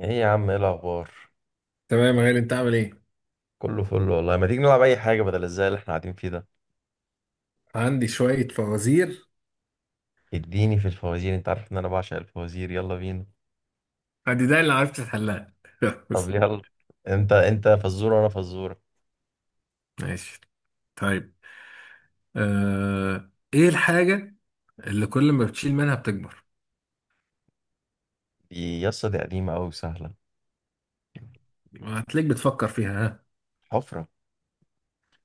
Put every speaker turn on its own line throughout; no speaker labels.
ايه يا عم، ايه الاخبار؟
تمام يا غالي، انت عامل ايه؟
كله فل والله. ما تيجي نلعب اي حاجه بدل الزي اللي احنا قاعدين فيه ده؟
عندي شوية فوازير.
اديني في الفوازير، انت عارف ان انا بعشق الفوازير، يلا بينا.
عندي ده اللي عرفت تحلها
طب
بس.
يلا. انت فزوره وانا فزوره.
ماشي. طيب ايه الحاجة اللي كل ما بتشيل منها بتكبر؟
دي يسطا دي قديمه قوي، سهله.
هتلاقيك بتفكر فيها، ها.
حفره.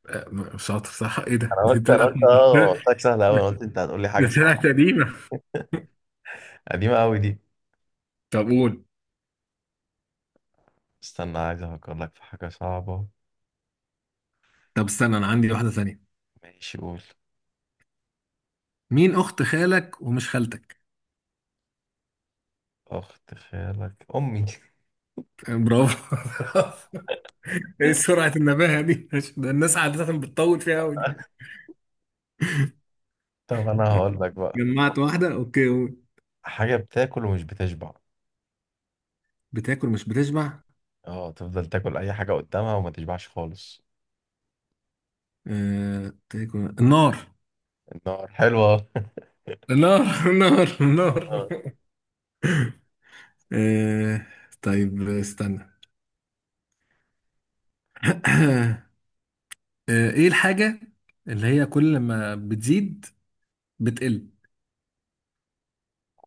آه، شاطر، صح، ايه ده؟
انا
دي
قلت انا
طلعت
قلت اه. أنا قلت لك سهله قوي، انا قلت انت هتقول لي حاجه
دي
صعبه.
طلعت قديمة.
قديمه قوي دي.
طب قول.
استنى، عايز افكر لك في حاجه صعبه.
طب استنى، انا عندي واحدة ثانية.
ماشي، قول.
مين اخت خالك ومش خالتك؟
اخت خالك امي.
آه، برافو. ايه سرعة النباهة دي ده الناس عادة بتطول فيها قوي دي.
طب انا هقول لك بقى.
جمعت واحدة، اوكي.
حاجه بتاكل ومش بتشبع.
بتاكل مش بتشبع.
اه، تفضل تاكل اي حاجه قدامها وما تشبعش خالص.
تاكل النار.
النار حلوة.
النار النار النار.
اه.
آه... طيب استنى. آه... ايه الحاجة اللي هي كل ما بتزيد بتقل؟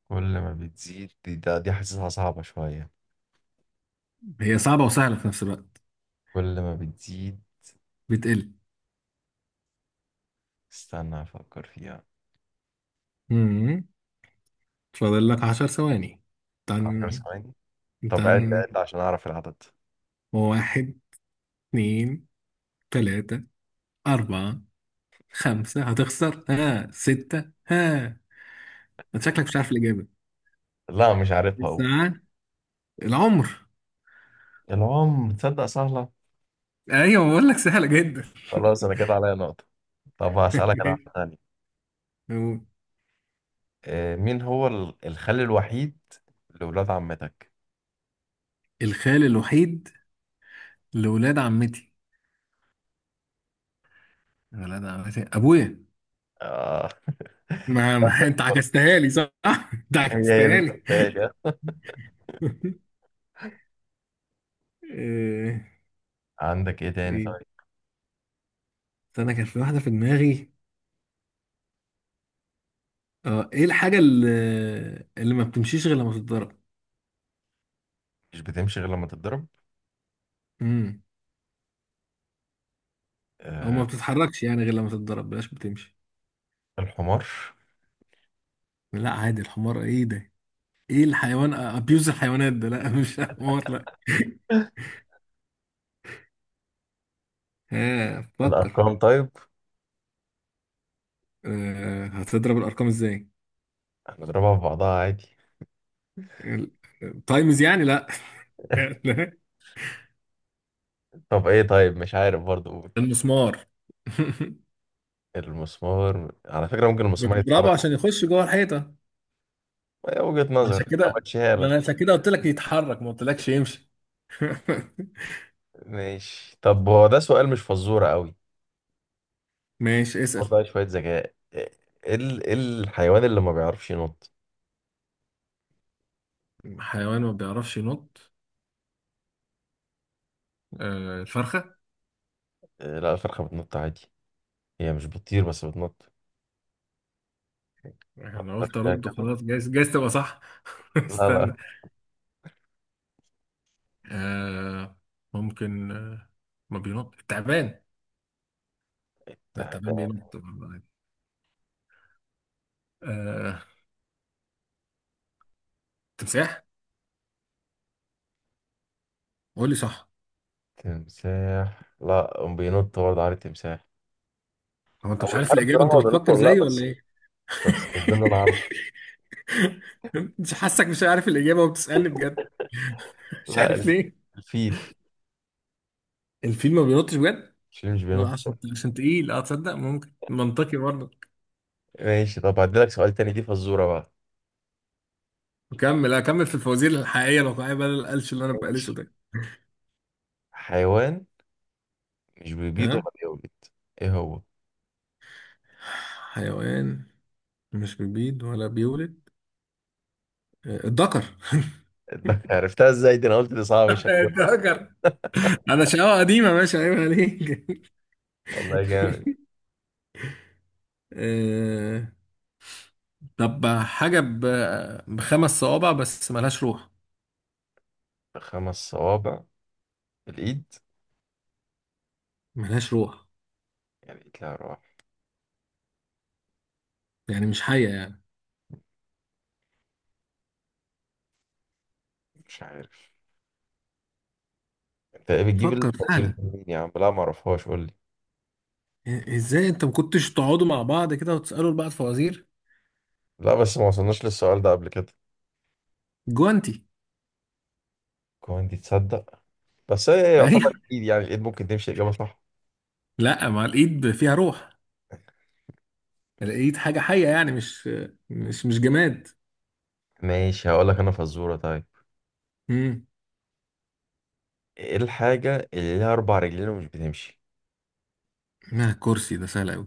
كل ما بتزيد دي حاسسها صعبة شوية.
هي صعبة وسهلة في نفس الوقت.
كل ما بتزيد.
بتقل.
استنى أفكر فيها
مم. فاضل لك 10 ثواني.
عشر
تن
ثواني طب عد
تن،
عد عشان أعرف العدد.
واحد، اتنين، تلاتة، أربعة، خمسة، هتخسر، ها، ستة، ها. انت شكلك مش عارف الإجابة.
لا مش عارفها أقول.
الساعة. العمر.
العمر، تصدق سهلة.
ايوه، بقول لك سهله جدا.
خلاص أنا كده عليا نقطة. طب هسألك أنا واحدة تانية. آه، مين هو الخال الوحيد لولاد عمتك؟
الخال الوحيد لولاد عمتي؟ ولاد عمتي ابويا.
آه.
ما انت
برضه.
عكستها لي، صح انت
هي هي اللي
عكستها
أنت
لي
قلتها لي، ها؟
إيه.
عندك إيه تاني
إيه،
طيب؟
استنى، كان في واحده في دماغي. اه، ايه الحاجه اللي ما بتمشيش غير لما تتضرب؟
مش بتمشي غير لما تتضرب.
امم او
آه،
ما بتتحركش يعني غير لما تتضرب، بلاش بتمشي.
الحمار.
لا عادي، الحمار، ايه ده، ايه الحيوان، ابيوز الحيوانات ده، لا مش حمار، لا ها فكر.
الأرقام طيب.
أه، هتضرب الارقام ازاي؟
نضربها في بعضها عادي.
تايمز يعني؟ لا لا.
طب ايه طيب، مش عارف برضه، قول.
المسمار
المسمار، على فكرة ممكن المسمار
بتضربه
يتحرك.
عشان يخش جوه الحيطه.
هي وجهة
عشان
نظر
كده،
همشيها
ما
لك.
انا عشان كده قلت لك يتحرك، ما قلتلكش يمشي.
ماشي، طب هو ده سؤال مش فزورة قوي.
ماشي،
برضه
اسأل.
عليه شوية ذكاء ايه. إيه الحيوان اللي ما بيعرفش ينط؟
حيوان ما بيعرفش ينط؟ آه، الفرخه.
إيه، لا الفرخة بتنط عادي. هي مش بتطير بس بتنط. ما
انا
فكرتش
قلت
فيها
ارد
كده.
وخلاص، جايز جايز تبقى صح.
لا، لا.
استنى. آه، ممكن. آه، ما بينط التعبان. لا التعبان
تمساح.
بينط. آه، تمساح. قول لي صح.
تمساح. لا، بينط برضه على التمساح.
هو انت
او
مش
مش
عارف
عارف
الاجابه،
بصراحة،
انت
هو بينط
بتفكر
ولا
زيي
لا،
ولا
بس.
ايه؟
بس ده اللي انا عارفه.
مش حاسك مش عارف الإجابة وبتسألني بجد، مش عارف
لا،
ليه.
الفيل.
الفيل ما بينطش بجد.
الفيل مش بينط.
عشان عشان تقيل، اه تصدق ممكن منطقي برضه.
ماشي طب هديلك سؤال تاني، دي فزورة بقى.
نكمل، اكمل في الفوازير الحقيقية الواقعية بدل القلش اللي انا بقلشه
ماشي.
ده.
حيوان مش بيبيض
ها.
ولا بيولد. ايه هو؟
حيوان مش بيبيض ولا بيولد؟ آه، الذكر
ده عرفتها ازاي دي، انا قلت دي صعبة مش هتجيبها.
الذكر. انا شقاوة قديمة، ماشي عيب عليك.
والله جامد.
آه، طب حاجة بخمس صوابع بس ملهاش روح.
5 صوابع. في الايد.
ملهاش روح.
يعني ايد لها روح.
يعني مش حية يعني.
مش عارف. انت ايه بتجيب
فكر،
الفوازير دي
سهلة.
منين يا عم؟ لا ما اعرفهاش، قول لي.
ازاي انت ما كنتش تقعدوا مع بعض كده وتسالوا لبعض فوازير؟
لا بس، ما وصلناش للسؤال ده قبل كده.
جوانتي.
كمان دي تصدق. بس هي يعتبر
ايوه.
اكيد يعني، الايد ممكن تمشي اجابة صح.
لا، ما الايد فيها روح. الايد حاجه حيه يعني، مش مش جماد.
ماشي، هقول لك انا فزورة طيب.
امم.
ايه الحاجة اللي ليها 4 رجلين ومش بتمشي؟
لا، الكرسي ده سهل قوي.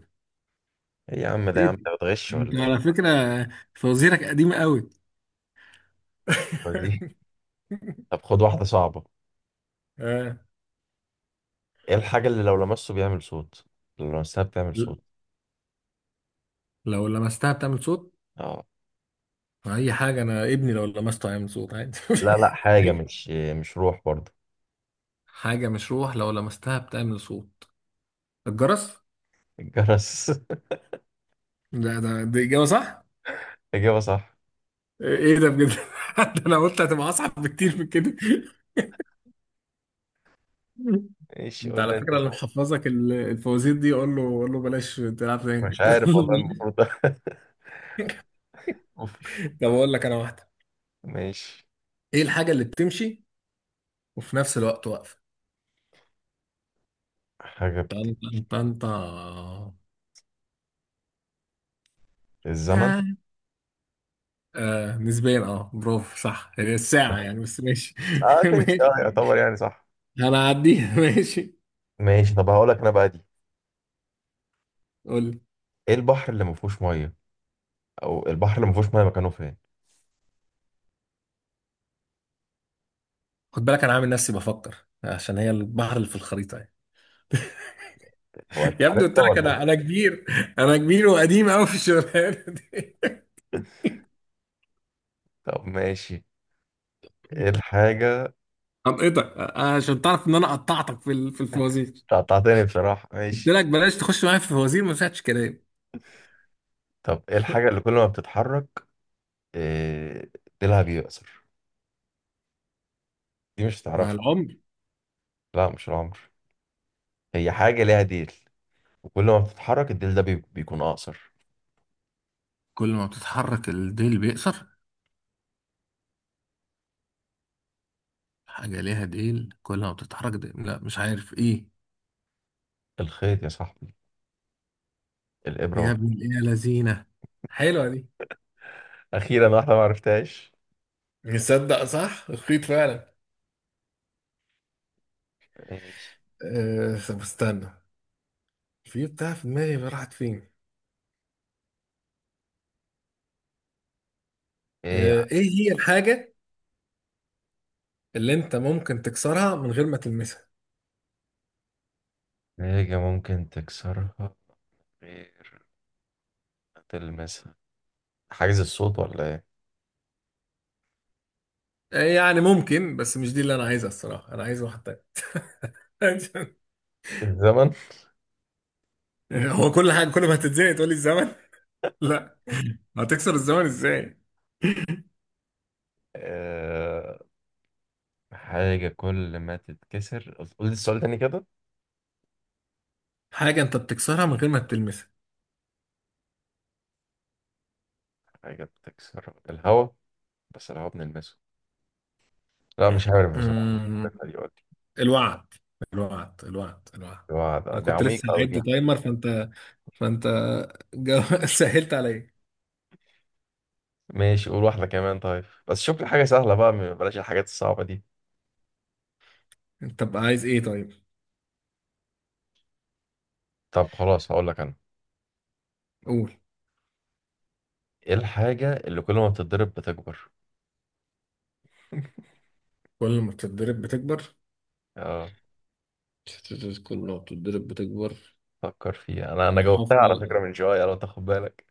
ايه يا عم، ده يا
ايه
عم
ده؟
انت بتغش
انت
ولا
على
ايه؟
فكره فوازيرك قديمه قوي.
طب خد واحدة صعبة.
آه.
ايه الحاجة اللي لو لمسته بيعمل صوت؟ لو لمستها بتعمل
ل-
صوت.
لو لمستها بتعمل صوت؟
اه.
اي حاجه، انا ابني لو لمسته هيعمل صوت عادي.
لا، لا، حاجة مش روح برضه.
حاجه مش روح لو لمستها بتعمل صوت، الجرس.
الجرس.
ده ده دي اجابه صح.
إجابة صح.
ايه ده بجد ده انا قلت هتبقى اصعب بكتير من كده.
ماشي،
انت
قول لي
على
انت
فكره اللي
صح.
محفظك الفوازير دي، قول له، قول له بلاش تلعب
مش
تاني
عارف
قول له
والله
بلاش.
المفروض. أوف.
طب اقول لك انا واحده.
ماشي.
ايه الحاجه اللي بتمشي وفي نفس الوقت واقفه؟
حاجة
انت
بتمشي.
انت.
الزمن.
آه، نسبيا، اه برافو صح، هي الساعه يعني، بس ماشي
اه تمشي،
ماشي.
اه يعتبر يعني صح.
انا هعديها ماشي.
ماشي طب هقول لك انا بقى دي.
قول لي.
ايه البحر اللي ما فيهوش ميه؟ او البحر اللي ما فيهوش ميه، مكانه فين؟
خد بالك انا عامل نفسي بفكر، عشان هي البحر اللي في الخريطه يعني.
هو انت
يا ابني قلت
عارفها
لك،
ولا؟
انا كبير، انا كبير وقديم قوي في الشغلانه دي.
طب ماشي. ايه الحاجة.
هنقطعك عشان تعرف ان انا قطعتك في في الفوازير.
قطعتني بصراحة،
قلت
ماشي.
لك بلاش تخش معايا في الفوازير، ما فيهاش كلام.
طب ايه الحاجة اللي كل ما بتتحرك آه، ديلها بيقصر؟ دي مش
مع
هتعرفها.
العمر.
لا، مش العمر. هي حاجة ليها ديل. وكل ما بتتحرك الديل ده بيكون أقصر.
كل ما بتتحرك الديل بيقصر. حاجة ليها ديل كل ما بتتحرك ديل. لا مش عارف ايه.
الخيط يا صاحبي. الإبرة
يا ابن
والخيط.
الايه لذينة، حلوة دي.
أخيرا، واحدة ما عرفتهاش.
نصدق صح، اخيط فعلا.
ماشي.
أه طب استنى، في بتاع في دماغي راحت فين.
إيه.
آه، ايه هي الحاجه اللي انت ممكن تكسرها من غير ما تلمسها؟
حاجة ممكن تكسرها غير ما تلمسها؟ حاجز الصوت ولا إيه؟
يعني ممكن، بس مش دي اللي انا عايزها الصراحه، انا عايز واحد تاني.
الزمن.
هو كل حاجه كل ما هتتزنق تقول لي الزمن؟ لا، هتكسر الزمن ازاي؟
آه، حاجة كل ما تتكسر. قول لي السؤال تاني كده.
حاجه انت بتكسرها من غير ما بتلمسها.
حاجة بتكسر الهوا. بس الهوا بنلمسه. لا، مش عارف بصراحة.
أمم،
الفكرة دي قولي.
الوعد. الوعد الوعد الوعد.
دي
انا
دي
كنت لسه
عميقة أوي.
هعد تايمر، فانت سهلت عليا.
ماشي قول واحدة كمان طيب، بس شوف لي حاجة سهلة بقى، بلاش الحاجات الصعبة دي.
انت بقى عايز ايه طيب؟
طب خلاص هقول لك انا.
قول.
ايه الحاجة اللي كل ما بتتضرب بتكبر؟
كل ما بتتضرب بتكبر.
اه.
كل ما بتتضرب بتكبر.
فكر فيها، انا
الحفره؟
جاوبتها على فكرة
لا
من شوية لو تاخد بالك.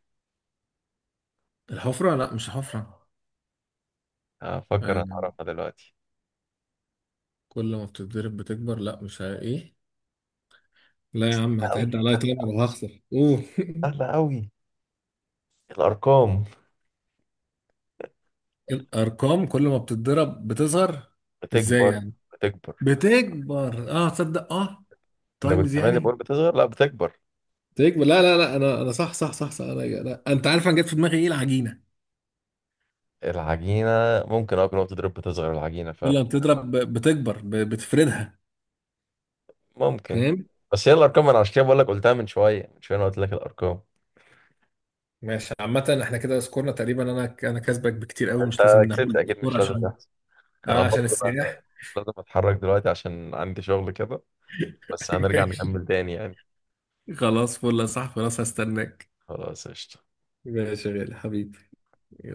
الحفره، لا مش الحفره.
هفكر انا هعرفها دلوقتي.
كل ما بتتضرب بتكبر، لا مش ايه. لا يا
سهلة
عم
أوي.
هتعد عليا تاني لو هخسر، اوه
سهلة أوي. الأرقام.
الارقام كل ما بتتضرب بتصغر. ازاي
بتكبر.
يعني؟
بتكبر.
بتكبر؟ اه تصدق اه.
أنت
تايمز
كنت عمال
يعني؟
بقول بتصغر، لا بتكبر.
بتكبر، لا لا لا، انا صح صح صح صح، انا لا. انت عارف انا جت في دماغي ايه، العجينه.
العجينة. ممكن أه، كل ما بتضرب بتصغر العجينة
كل
فعلا.
ما بتضرب بتكبر، بتفردها،
ممكن.
فاهم؟
بس هي الأرقام، أنا عشان كده بقول لك، قلتها من شوية، من شوية أنا قلت لك الأرقام.
ماشي، عامة احنا كده سكورنا تقريبا، انا كاسبك بكتير قوي،
أنت
مش لازم
كسبت
نقول
أكيد،
سكور
مش لازم.
عشان.
انا
اه عشان
برضه أنا
السياح.
لازم اتحرك دلوقتي، عشان عندي شغل كده. بس هنرجع
ماشي.
نكمل تاني يعني.
خلاص، فل يا صاحبي، خلاص هستناك.
خلاص قشطة.
ماشي يا غالي، حبيبي.